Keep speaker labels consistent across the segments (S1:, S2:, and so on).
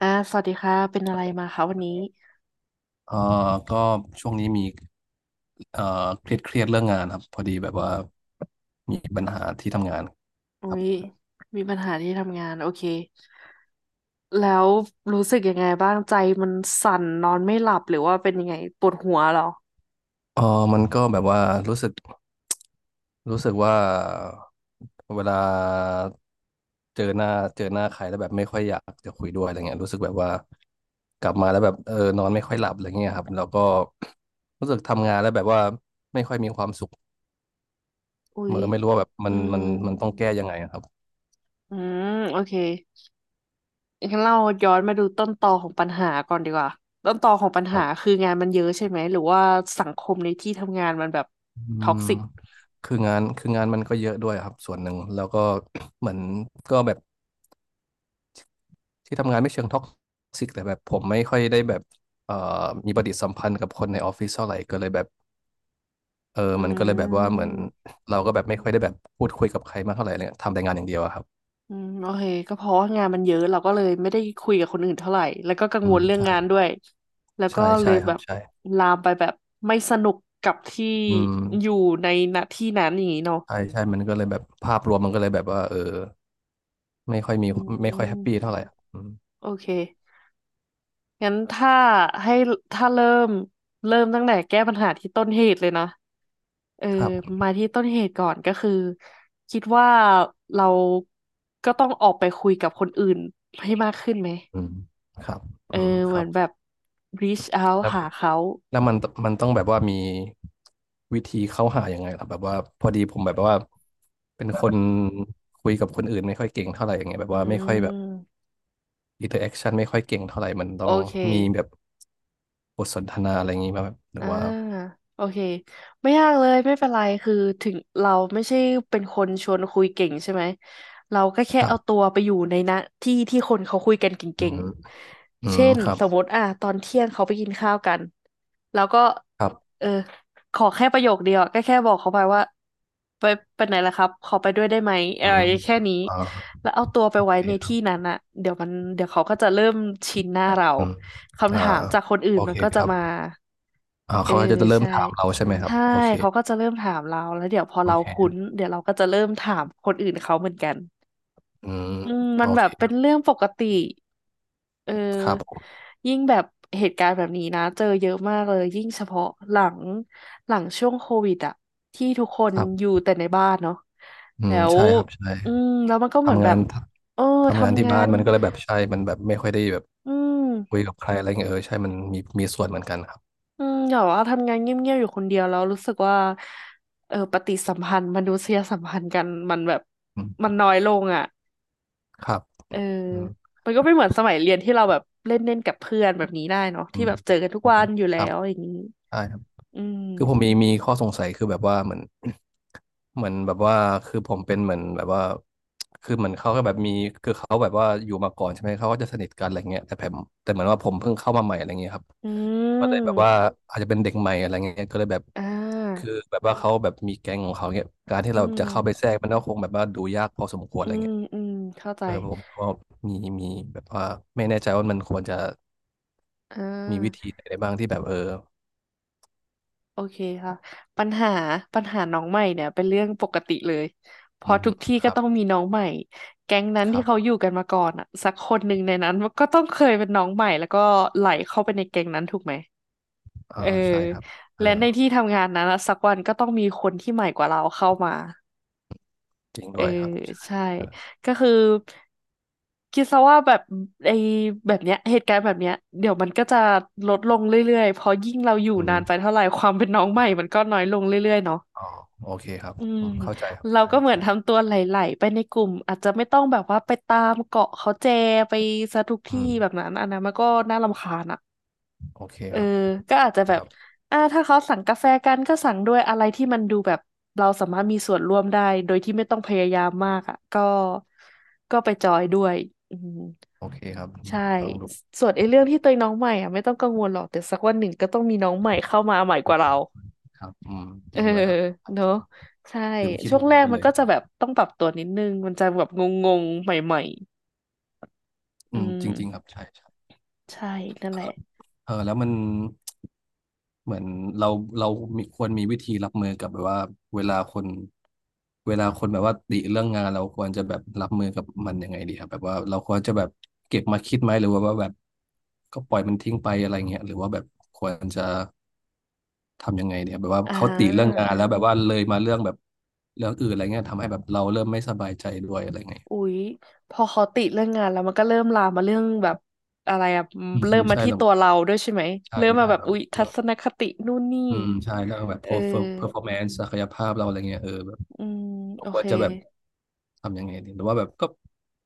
S1: อ่าสวัสดีค่ะเป็นอะไรมาคะวันนี้
S2: เอ่อก็ช่วงนี้มีเครียดเครียดเรื่องงานครับพอดีแบบว่ามีปัญหาที่ทำงาน
S1: อุ้
S2: ครับ
S1: ยมีปัญหาที่ทำงานโอเคแล้วรู้สึกยังไงบ้างใจมันสั่นนอนไม่หลับหรือว่าเป็นยังไงปวดหัวเหรอ
S2: เออมันก็แบบว่ารู้สึกรู้สึกว่าเวลาเจอหน้าเจอหน้าใครแล้วแบบไม่ค่อยอยากจะคุยด้วยอะไรเงี้ยรู้สึกแบบว่ากลับมาแล้วแบบเออนอนไม่ค่อยหลับอะไรเงี้ยครับแล้วก็ รู้สึกทำงานแล้วแบบว่าไม่ค่อยมีความสุข
S1: อุ้
S2: เอ
S1: ย
S2: อไม่รู้ว่าแบบมั
S1: อื
S2: นมัน
S1: ม
S2: มันต้องแก้ยังไงอะครับ
S1: อืมโอเคงั้นเราย้อนมาดูต้นตอของปัญหาก่อนดีกว่าต้นตอของปัญ
S2: ค
S1: หา
S2: รับ
S1: คืองานมันเยอะใช่ไหมหรือว่าสังคมในที่ทำงานมันแบบ
S2: อื
S1: ท็อก
S2: ม
S1: ซิก
S2: คืองานมันก็เยอะด้วยครับส่วนหนึ่งแล้วก็ เหมือนก็แบบที่ทำงานไม่เชิงท็อกซิกแต่แบบผมไม่ค่อยได้แบบเอ่อมีปฏิสัมพันธ์กับคนในออฟฟิศเท่าไหร่ก็เลยแบบเออ
S1: อื
S2: มันก็เลยแบบว่าเหมือน
S1: ม
S2: เราก็แบบไม่ค่อยได้แบบพูดคุยกับใครมากเท่าไหร่เลยทำแต่งานอย่างเดียวอะครับ
S1: อืมโอเคก็เพราะว่างานมันเยอะเราก็เลยไม่ได้คุยกับคนอื่นเท่าไหร่แล้วก็กัง
S2: อื
S1: ว
S2: ม
S1: ลเรื่อง
S2: ใช่
S1: งานด้วยแล้วก็
S2: ใช่
S1: เล
S2: ใช่
S1: ย
S2: ค
S1: แบ
S2: รับ
S1: บ
S2: ใช่
S1: ลามไปแบบไม่สนุกกับที่
S2: อืม
S1: อยู่ในณที่นั้นอย่างนี้เนาะ
S2: ใช่ใช่มันก็เลยแบบภาพรวมมันก็เลยแบบว่าเออไม่ค่อยมี
S1: อื
S2: ไม่ค่อยแฮปปี้เท่า
S1: ม
S2: ไหร่อืม
S1: โอเคงั้นถ้าให้ถ้าเริ่มเริ่มตั้งแต่แก้ปัญหาที่ต้นเหตุเลยนะเออ
S2: ครับ
S1: มาที่ต้นเหตุก่อนก็คือคิดว่าเราก็ต้องออกไปคุยกับคนอื่นให้มากขึ้นไหม
S2: อืมครับอื
S1: เอ
S2: ม
S1: อ
S2: ค
S1: เหมื
S2: รั
S1: อ
S2: บ
S1: นแบบ reach out
S2: แล้ว
S1: หาเขา
S2: แล้วมันต้องแบบว่ามีวิธีเข้าหายังไงล่ะแบบว่าพอดีผมแบบว่าเป็นคนคุยกับคนอื่นไม่ค่อยเก่งเท่าไหร่อย่างเงี้ยแบบ
S1: อื
S2: ว่าไม่ค่อยแบบ
S1: ม
S2: อินเตอร์แอคชั่นไม่ค่อยเก่งเท่าไหร่มันต้
S1: โอ
S2: อง
S1: เค
S2: มีแบบบทสนทนาอะไรอย่างงี้มาแบบหรือ
S1: อ่า
S2: ว่า
S1: โอเคไม่ยากเลยไม่เป็นไรคือถึงเราไม่ใช่เป็นคนชวนคุยเก่งใช่ไหมเราก็แค่
S2: ครั
S1: เอาตั
S2: บ
S1: วไปอยู่ในนะที่ที่คนเขาคุยกันเก
S2: อื
S1: ่
S2: ม
S1: ง
S2: อื
S1: ๆเช่
S2: ม
S1: น
S2: ครับ
S1: สมมติอ่ะตอนเที่ยงเขาไปกินข้าวกันแล้วก็
S2: ครับ
S1: เออขอแค่ประโยคเดียวอะก็แค่บอกเขาไปว่าไปไหนล่ะครับขอไปด้วยได้ไหมเอ
S2: อื
S1: อ
S2: ม
S1: แค่นี้
S2: อ่า
S1: แล้วเอาตัวไป
S2: โอ
S1: ไว้
S2: เค
S1: ใน
S2: ครั
S1: ที่
S2: บ
S1: นั้นอะเดี๋ยวมันเดี๋ยวเขาก็จะเริ่มชินหน้าเรา
S2: อืม
S1: คำ
S2: อ่า
S1: ถามจากคนอื่น
S2: โอ
S1: มั
S2: เค
S1: นก็
S2: ค
S1: จะ
S2: รับ
S1: มา
S2: อ่า
S1: เออ
S2: เขาก็จะเริ่ม
S1: ใช่
S2: ถามเราใช่ไหมครับ
S1: ใช่
S2: โอเค
S1: เขาก็จะเริ่มถามเราแล้วเดี๋ยวพอ
S2: โอ
S1: เราคุ้น
S2: เค
S1: เดี๋ยวเราก็จะเริ่มถามคนอื่นเขาเหมือนกัน
S2: อืม
S1: อืม
S2: โอ
S1: มันแบ
S2: เค
S1: บเป็
S2: ค
S1: น
S2: รับ
S1: เรื่องปกติเอ
S2: ครับ
S1: อ
S2: ผม
S1: ยิ่งแบบเหตุการณ์แบบนี้นะเจอเยอะมากเลยยิ่งเฉพาะหลังช่วงโควิดอะที่ทุกคน
S2: ครั
S1: อ
S2: บ
S1: ยู่แต่ในบ้านเนาะ
S2: อื
S1: แล้
S2: ม
S1: ว
S2: ใช่ครับใช่
S1: อืมแล้วมันก็เหมือน
S2: ทำ
S1: แบ
S2: งา
S1: บ
S2: น
S1: เออ
S2: ทำงาน
S1: ทำ
S2: ที่
S1: งา
S2: บ้าน
S1: น
S2: มันก็เลยแบบใช่ มันแบบไม่ค่อยได้แบบ
S1: อื
S2: คุย
S1: ม
S2: กับใครอะไรเงี้ยเออใช่มันมีส่วนเหมือนกันครับ
S1: อืมอย่าว่าทำงานเงียบๆอยู่คนเดียวแล้วรู้สึกว่าเออปฏิสัมพันธ์มนุษยสัมพันธ์กันมันแบบ
S2: อืม
S1: น้อยลงอ่ะ
S2: ครับ
S1: เออ
S2: อืม
S1: มันก็ไม่เหมือนสมัยเรียนที่เราแบบเล่นเล่นกับเพื่อนแบบนี้ได้เนาะ
S2: อื
S1: ที่
S2: ม
S1: แบบเจอกันทุก
S2: อื
S1: วัน
S2: ม
S1: อยู่
S2: ค
S1: แล้
S2: รับ
S1: วอย่างนี้
S2: ใช่ครับ
S1: อื
S2: คือผมมี
S1: ม
S2: มีข้อสงสัยคือแบบว่าเหมือน เหมือนแบบว่าคือผมเป็นเหมือนแบบว่าคือเหมือนเขาก็แบบมีคือเขาแบบว่าอยู่มาก่อนใช่ไหมเขาก็จะสนิทกันอะไรเงี้ยแต่ผมแต่เหมือนว่าผมเพิ่งเข้ามาใหม่อะไรเงี้ยครับ
S1: อื
S2: ก็เลยแบบว่า
S1: ม
S2: อาจจะเป็นเด็กใหม่อะไรเงี้ยก็เลยแบบ
S1: อ่า
S2: คือแบบว่าเขาแบบมีแก๊งของเขาเงี้ยการที่
S1: อื
S2: เราจะ
S1: ม
S2: เข้าไปแทรกมันก็คงแบบว่าดูยากพอสมควร
S1: อื
S2: อะไร
S1: ม
S2: เงี้ย
S1: อืมเข้าใจ
S2: เออผมก็มีมีแบบว่าไม่แน่ใจว่ามันควรจะ
S1: อ่
S2: มีวิธี
S1: า
S2: ไหนได้บ้างที่แบบเออ
S1: โอเคค่ะปัญหาน้องใหม่เนี่ยเป็นเรื่องปกติเลยพ
S2: อื
S1: อ
S2: ม
S1: ทุกที่
S2: ค
S1: ก็
S2: รับ
S1: ต้องมีน้องใหม่แก๊งนั้น
S2: ค
S1: ที่
S2: รั
S1: เขา
S2: บ
S1: อยู่กันมาก่อนอ่ะสักคนหนึ่งในนั้นมันก็ต้องเคยเป็นน้องใหม่แล้วก็ไหลเข้าไปในแก๊งนั้นถูกไหมเอ
S2: อ่า
S1: อ
S2: ใช่ครับเออ
S1: และในที่ทำงานนั้นอะสักวันก็ต้องมีคนที่ใหม่กว่าเราเข้ามา
S2: จริง
S1: เออ
S2: ด้วยครับใช่
S1: ใช่
S2: เออ
S1: ก็คือคิดซะว่าแบบไอ้แบบเนี้ยเหตุการณ์แบบเนี้ยเดี๋ยวมันก็จะลดลงเรื่อยๆเพราะยิ่งเราอยู่
S2: อื
S1: นานไป
S2: ม
S1: เท่าไหร่ความเป็นน้องใหม่มันก็น้อยลงเรื่อยๆเนาะ
S2: อ๋อโอเคครับ
S1: อืม
S2: อืมเข้าใจครับ
S1: เรา
S2: ใช่
S1: ก็เหมือน
S2: ใช่
S1: ทำตัวไหลๆไปในกลุ่มอาจจะไม่ต้องแบบว่าไปตามเกาะเขาแจไปซะทุกที่
S2: อืม
S1: แบบนั้นอันนั้นมันก็น่ารำคาญอะ
S2: โอเค
S1: เออ
S2: ครับ
S1: ก็อาจจะแบ
S2: ค
S1: บ
S2: รับ
S1: อ่าถ้าเขาสั่งกาแฟกันก็สั่งด้วยอะไรที่มันดูแบบเราสามารถมีส่วนร่วมได้ โดยที่ไม่ต้องพยายามมากอ่ะก็ไปจอยด้วยอืม
S2: โอเคครับอืม
S1: ใช่
S2: ฟังดู
S1: ส่วนไอ้เรื่องที่ตัวเองน้องใหม่อ่ะไม่ต้องกังวลหรอก แต่สักวันหนึ่งก็ต้องมีน้องใหม่เข้ามาใหม่กว่าเรา
S2: ครับอืมจ
S1: เออ
S2: ริงด้วยครับ
S1: เนอะ
S2: ใช่
S1: ใช่
S2: ลืมคิด
S1: ช่ว
S2: มุ
S1: ง
S2: ม
S1: แร
S2: นี้
S1: ก
S2: ไป
S1: มั
S2: เล
S1: น
S2: ย
S1: ก็จะแบบต้องปรับตัวนิดนึงมันจะแบบงงๆใหม่ๆอื
S2: อืม
S1: ม
S2: จริงๆครับใช่ใช่
S1: ใช่นั่นแหละ
S2: เออแล้วมันเหมือนเราเราควรมีวิธีรับมือกับแบบว่าเวลาคนเวลาคนแบบว่าติเรื่องงานเราควรจะแบบรับมือกับมันยังไงดีครับแบบว่าเราควรจะแบบเก็บมาคิดไหมหรือว่าแบบก็ปล่อยมันทิ้งไปอะไรเงี้ยหรือว่าแบบควรจะทำยังไงเนี่ยแบบว่า
S1: อ่
S2: เขาติเรื่องงานแล้
S1: า
S2: วแบบว่าเลยมาเรื่องแบบเรื่องอื่นอะไรเงี้ยทำให้แบบเราเริ่มไม่สบายใจด้วยอะไรเงี้ย
S1: อุ๊ยพอเขาติเรื่องงานแล้วมันก็เริ่มลามมาเรื่องแบบอะไรอะ
S2: อืม
S1: เริ่
S2: อื
S1: ม
S2: ม
S1: มา
S2: ใช่
S1: ที่
S2: เรา
S1: ตัวเราด้วยใช่ไหม
S2: ใช่
S1: เริ่มมา
S2: ใช่
S1: แบบ
S2: แบบ
S1: อุ๊ยทัศนคตินู่นนี่
S2: อืมใช่เรื่องแบบ
S1: เออ
S2: performance ศักยภาพเราอะไรเงี้ยเออแบบ
S1: อืมโอ
S2: คว
S1: เค
S2: รจะแบบทำยังไงดีหรือว่าแบบก็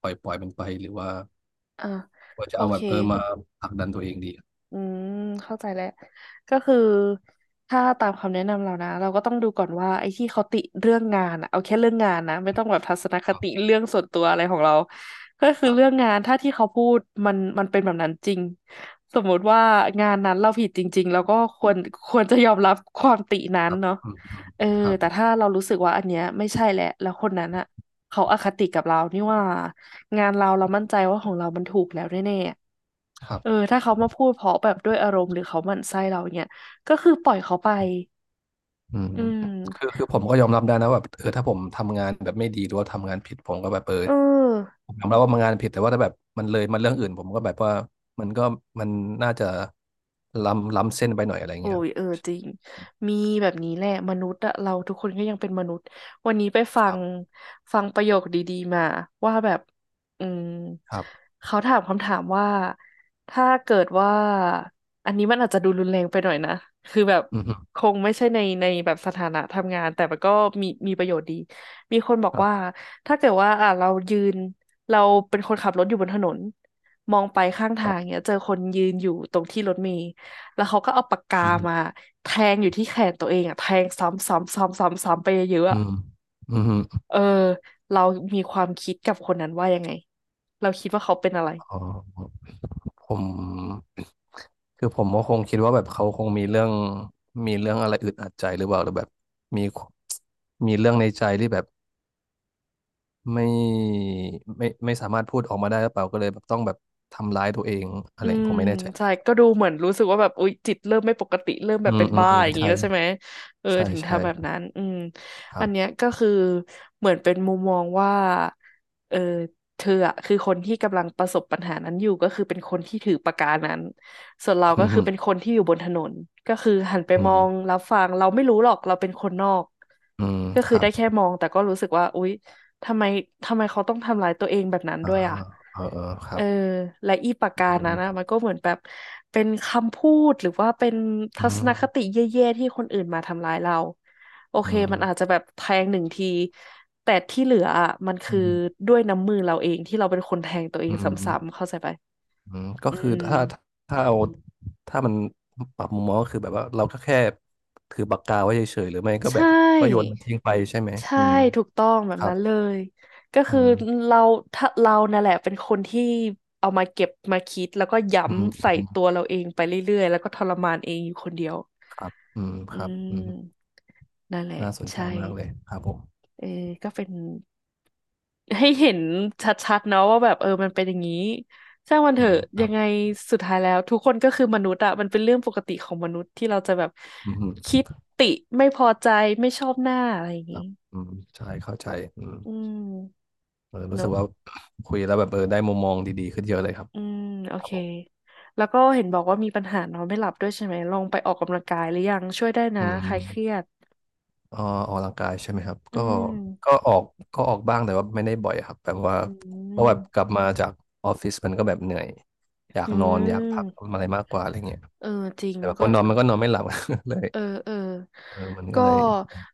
S2: ปล่อยมันไปหรือว่า
S1: อ่ะ
S2: ควรจะ
S1: โอ
S2: เอาแบ
S1: เค
S2: บเออมาผลักดันตัวเองดี
S1: อืมเข้าใจแล้วก็คือถ้าตามคำแนะนำเรานะเราก็ต้องดูก่อนว่าไอ้ที่เขาติเรื่องงานอะเอาแค่เรื่องงานนะไม่ต้องแบบทัศนคติเรื่องส่วนตัวอะไรของเราก็คื
S2: ค
S1: อ
S2: รั
S1: เรื่อง
S2: บ
S1: งานถ้าที่เขาพูดมันเป็นแบบนั้นจริงสมมุติว่างานนั้นเราผิดจริงๆแล้วก็ควรจะยอมรับความตินั้
S2: ค
S1: น
S2: รับ
S1: เนาะ
S2: อืมอืม
S1: เออ
S2: ครับ
S1: แต่ถ้าเรารู้สึกว่าอันเนี้ยไม่ใช่แหละแล้วคนนั้นอะ เขาอคติกับเรานี่ว่างานเรามั่นใจว่าของเรามันถูกแล้วแน่
S2: ครั
S1: ๆเออ
S2: บ
S1: ถ้าเขามาพูดเพราะแบบด้วยอารมณ์หรือเขาหมั่นไส้เราเนี่ย ก็คือปล่อยเขาไป
S2: อืม
S1: อืม
S2: คือผมก็ยอมรับได้นะว่าแบบเออถ้าผมทำงานแบบไม่ดีหรือว่าทำงานผิดผมก็แบบเออ
S1: เออ
S2: ผมยอมรับว่ามันงานผิดแต่ว่าถ้าแบบมันเลยมันเรื่องอื่นผมก็แบบว่ามันก็มันน่าจะล้ำเส้นไปหน่อยอะไร
S1: โอ้
S2: เงี้ยครั
S1: ย
S2: บ
S1: เออจริงมีแบบนี้แหละมนุษย์อะเราทุกคนก็ยังเป็นมนุษย์วันนี้ไปฟั
S2: ครั
S1: ง
S2: บ
S1: ฟังประโยคดีๆมาว่าแบบอืม
S2: ครับ
S1: เขาถามคำถามว่าถ้าเกิดว่าอันนี้มันอาจจะดูรุนแรงไปหน่อยนะคือแบบ
S2: อื
S1: ค
S2: ม
S1: งไม่ใช่ในแบบสถานะทำงานแต่มันก็มีประโยชน์ดีมีคนบอก
S2: ครับ
S1: ว่าถ้าเกิดว่าอ่ะเรายืนเราเป็นคนขับรถอยู่บนถนนมองไปข้าง
S2: ค
S1: ทา
S2: รั
S1: ง
S2: บ
S1: เนี่ยเจอคนยืนอยู่ตรงที่รถเมล์ แล้วเขาก็เอาปากกา
S2: อืม
S1: มาแทงอยู่ที่แขนตัวเองอะแทงซ้ำซ้ำซ้ำซ้ำซ้ำไปเยอะๆ
S2: อื
S1: อะ
S2: ม อืม
S1: เออ เรามีความคิดกับคนนั้นว่ายังไง เราคิดว่าเขาเป็นอะไร
S2: อ๋อผมคือผมก็คงคิดว่าแบบเขาคงมีเรื่องมีเรื่องอะไรอึดอัดใจหรือเปล่าหรือแบบมีมีเรื่องในใจที่แบบไม่ไม่สามารถพูดออกมาได้หรือเปล่าก็เลยแบบต้องแบบทำร้ายตัวเองอะ
S1: อื
S2: ไรผ
S1: ม
S2: มไม่แน่ใจ
S1: ใช่ก็ดูเหมือนรู้สึกว่าแบบอุ๊ยจิตเริ่มไม่ปกติเริ่มแบ
S2: อื
S1: บ
S2: ม
S1: เป็น
S2: อืม
S1: บ้า
S2: อืม
S1: อย่างนี้
S2: ใช่
S1: แล้วใช่ไหมเออ
S2: ใช่
S1: ถึง
S2: ใช่
S1: ทำแบบนั้นอืม
S2: ครั
S1: อันเนี้ย
S2: บ
S1: ก็คือเหมือนเป็นมุมมองว่าเออเธออะคือคนที่กำลังประสบปัญหานั้นอยู่ก็คือเป็นคนที่ถือปากกานั้นส่วนเรา
S2: อื
S1: ก็
S2: ม
S1: คื
S2: อื
S1: อเป็นคนที่อยู่บนถนนก็คือหันไปมอ
S2: ม
S1: งรับฟังเราไม่รู้หรอกเราเป็นคนนอก
S2: อืม
S1: ก็
S2: ค
S1: คือ
S2: รั
S1: ได้
S2: บ
S1: แค่มองแต่ก็รู้สึกว่าอุ๊ย ทำไมทำไมเขาต้องทำร้ายตัวเองแบบนั้น
S2: อ่า
S1: ด้วยอ่ะ
S2: เออเออค
S1: เอ
S2: รั
S1: อ
S2: บ
S1: และอีปากกา
S2: อื
S1: นั้นนะ
S2: ม
S1: มันก็เหมือนแบบเป็นคำพูดหรือว่าเป็น
S2: อื
S1: ทัศนคติ
S2: ม
S1: แย่ๆที่คนอื่นมาทำร้ายเราโอ
S2: อื
S1: เค
S2: ม
S1: มันอาจจะแบบแทงหนึ่งทีแต่ที่เหลืออะมัน
S2: อื
S1: คือ
S2: ม
S1: ด้วยน้ำมือเราเองที่เราเป็นคนแทงตัวเอ
S2: อื
S1: งซ้ำๆ
S2: ม
S1: เข้าใจไป
S2: อืมก็
S1: อื
S2: คือ
S1: ม
S2: ถ้าถ้าเอาถ้ามันปรับมุมมองก็คือแบบว่าเราก็แค่ถือปากกาไว้เฉยๆหรือไม่ก็
S1: ใช
S2: แบบก็โยน
S1: ่
S2: มันทิ้งไปใช่ไหม
S1: ใช่
S2: อืม
S1: ถูกต้องแบ
S2: ค
S1: บ
S2: รับ
S1: นั้นเลยก็
S2: อื
S1: คือ
S2: ม
S1: เราถ้าเรานั่นแหละเป็นคนที่เอามาเก็บมาคิดแล้วก็ย้
S2: อืม
S1: ำ
S2: อื
S1: ใส่
S2: ม
S1: ตัวเราเองไปเรื่อยๆแล้วก็ทรมานเองอยู่คนเดียว
S2: ครับอืมค
S1: อื
S2: รับอืม
S1: มนั่นแหละ
S2: น่าสนใจ
S1: ใช่
S2: มากเลยครับผม
S1: เออก็เป็นให้เห็นชัดๆเนาะว่าแบบเออมันเป็นอย่างนี้ช่างมันเถ
S2: อื
S1: อะ
S2: มค
S1: ยั
S2: รับ
S1: งไงสุดท้ายแล้วทุกคนก็คือมนุษย์อะมันเป็นเรื่องปกติของมนุษย์ที่เราจะแบบ
S2: อื
S1: คิ
S2: ม
S1: ดติไม่พอใจไม่ชอบหน้าอะไรอย่าง
S2: ค
S1: นี้
S2: รับอืมใช่เข้าใจอืม
S1: อืม
S2: เออรู้
S1: เน
S2: สึ
S1: อะ
S2: กว่า คุยแล้วแบบเออได้มุมมองดีๆขึ้นเยอะเลยครับ
S1: อืมโอ
S2: ครับ
S1: เค
S2: ผม
S1: แล้วก็เห็นบอกว่ามีปัญหานอนไม่หลับด้วยใช่ไหมลองไปออกกำลังกายหรือยังช่วยได้นะ
S2: อืม
S1: คลายเครียด
S2: เอ่อออกกำลังกายใช่ไหมครับ
S1: อืม
S2: ก็ออกก็ออกบ้างแต่ว่าไม่ได้บ่อยครับแบบว่า
S1: อื
S2: เพราะแบบกลั
S1: ม
S2: บมาจากออฟฟิศมันก็แบบเหนื่อยอยาก
S1: อื
S2: นอนอยากพัก
S1: ม
S2: ทำอะไรมากกว่าอะไรเงี้ย
S1: เออจริง
S2: แต่
S1: มั
S2: แบ
S1: น
S2: บพ
S1: ก็
S2: อนอนมันก็นอนไม่หลับ เลย
S1: เออเออ
S2: เออมันก็
S1: ก็
S2: เลย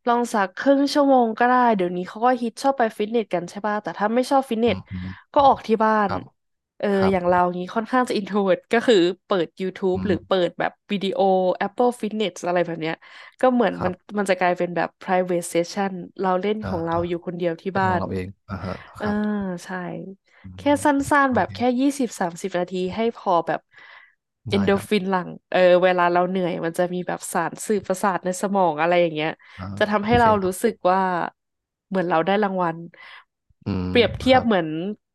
S1: ลองสักครึ่งชั่วโมงก็ได้เดี๋ยวนี้เขาก็ฮิตชอบไปฟิตเนสกันใช่ป่ะแต่ถ้าไม่ชอบฟิตเน
S2: อื
S1: ส
S2: มอืม
S1: ก็ออกที่บ้า
S2: ค
S1: น
S2: รับ
S1: เออ
S2: ครับ
S1: อย่างเรางี้ค่อนข้างจะอินโทรเวิร์ตก็คือเปิด YouTube
S2: อื
S1: หรื
S2: ม
S1: อเปิดแบบวิดีโอ Apple Fitness อะไรแบบเนี้ยก็เหมือน
S2: ค
S1: มั
S2: รั
S1: น
S2: บ
S1: มันจะกลายเป็นแบบ private session เวทเซสชั่นเราเล่นข
S2: อ่า
S1: องเรา
S2: อ่า
S1: อยู่คนเดียวที่
S2: เป็น
S1: บ้า
S2: ของ
S1: น
S2: เราเองอ่าฮะ
S1: เอ
S2: ค
S1: อ
S2: รับ
S1: ใช่
S2: อื
S1: แค่
S2: ม
S1: สั้นๆ
S2: โอ
S1: แบบ
S2: เค
S1: แค่20-30 นาทีให้พอแบบเอน
S2: ได้
S1: โด
S2: ครับ
S1: ฟินหลั่งเออเวลาเราเหนื่อยมันจะมีแบบสารสื่อประสาทในสมองอะไรอย่างเงี้ย
S2: อ่า
S1: จะทำให้
S2: โอเค
S1: เรา
S2: ครั
S1: รู้สึ
S2: บ
S1: กว่าเหมือนเราได้รางวัล
S2: อืม
S1: เปรียบ
S2: ค
S1: เทียบ
S2: รับ
S1: เหมือน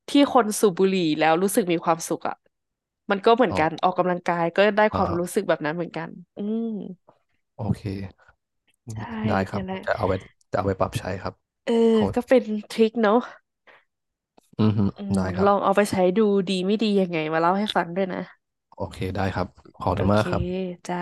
S1: ที่คนสูบบุหรี่แล้วรู้สึกมีความสุขอ่ะมันก็เหมือน
S2: อ๋
S1: กันอ
S2: อ
S1: อกกำลังกายก็ได้ค
S2: อ่า
S1: วาม
S2: ฮะ
S1: รู้สึกแบบนั้นเหมือนกันอืม
S2: โอเค
S1: ใช่
S2: ได้ค
S1: เนี่
S2: รับ
S1: ยแหละ
S2: จะเอาไปปรับใช้ครับ
S1: เออ
S2: ขอบ
S1: ก็เป็นทริคเนาะ
S2: อือฮึ
S1: อืม
S2: ได้ครั
S1: ล
S2: บ
S1: องเอาไปใช้ดูดีไม่ดียังไงมาเล่าให้ฟังด้วยนะ
S2: โอเค ได้ครับ ขอบ
S1: โอ
S2: คุณมา
S1: เค
S2: กครับ
S1: จ้า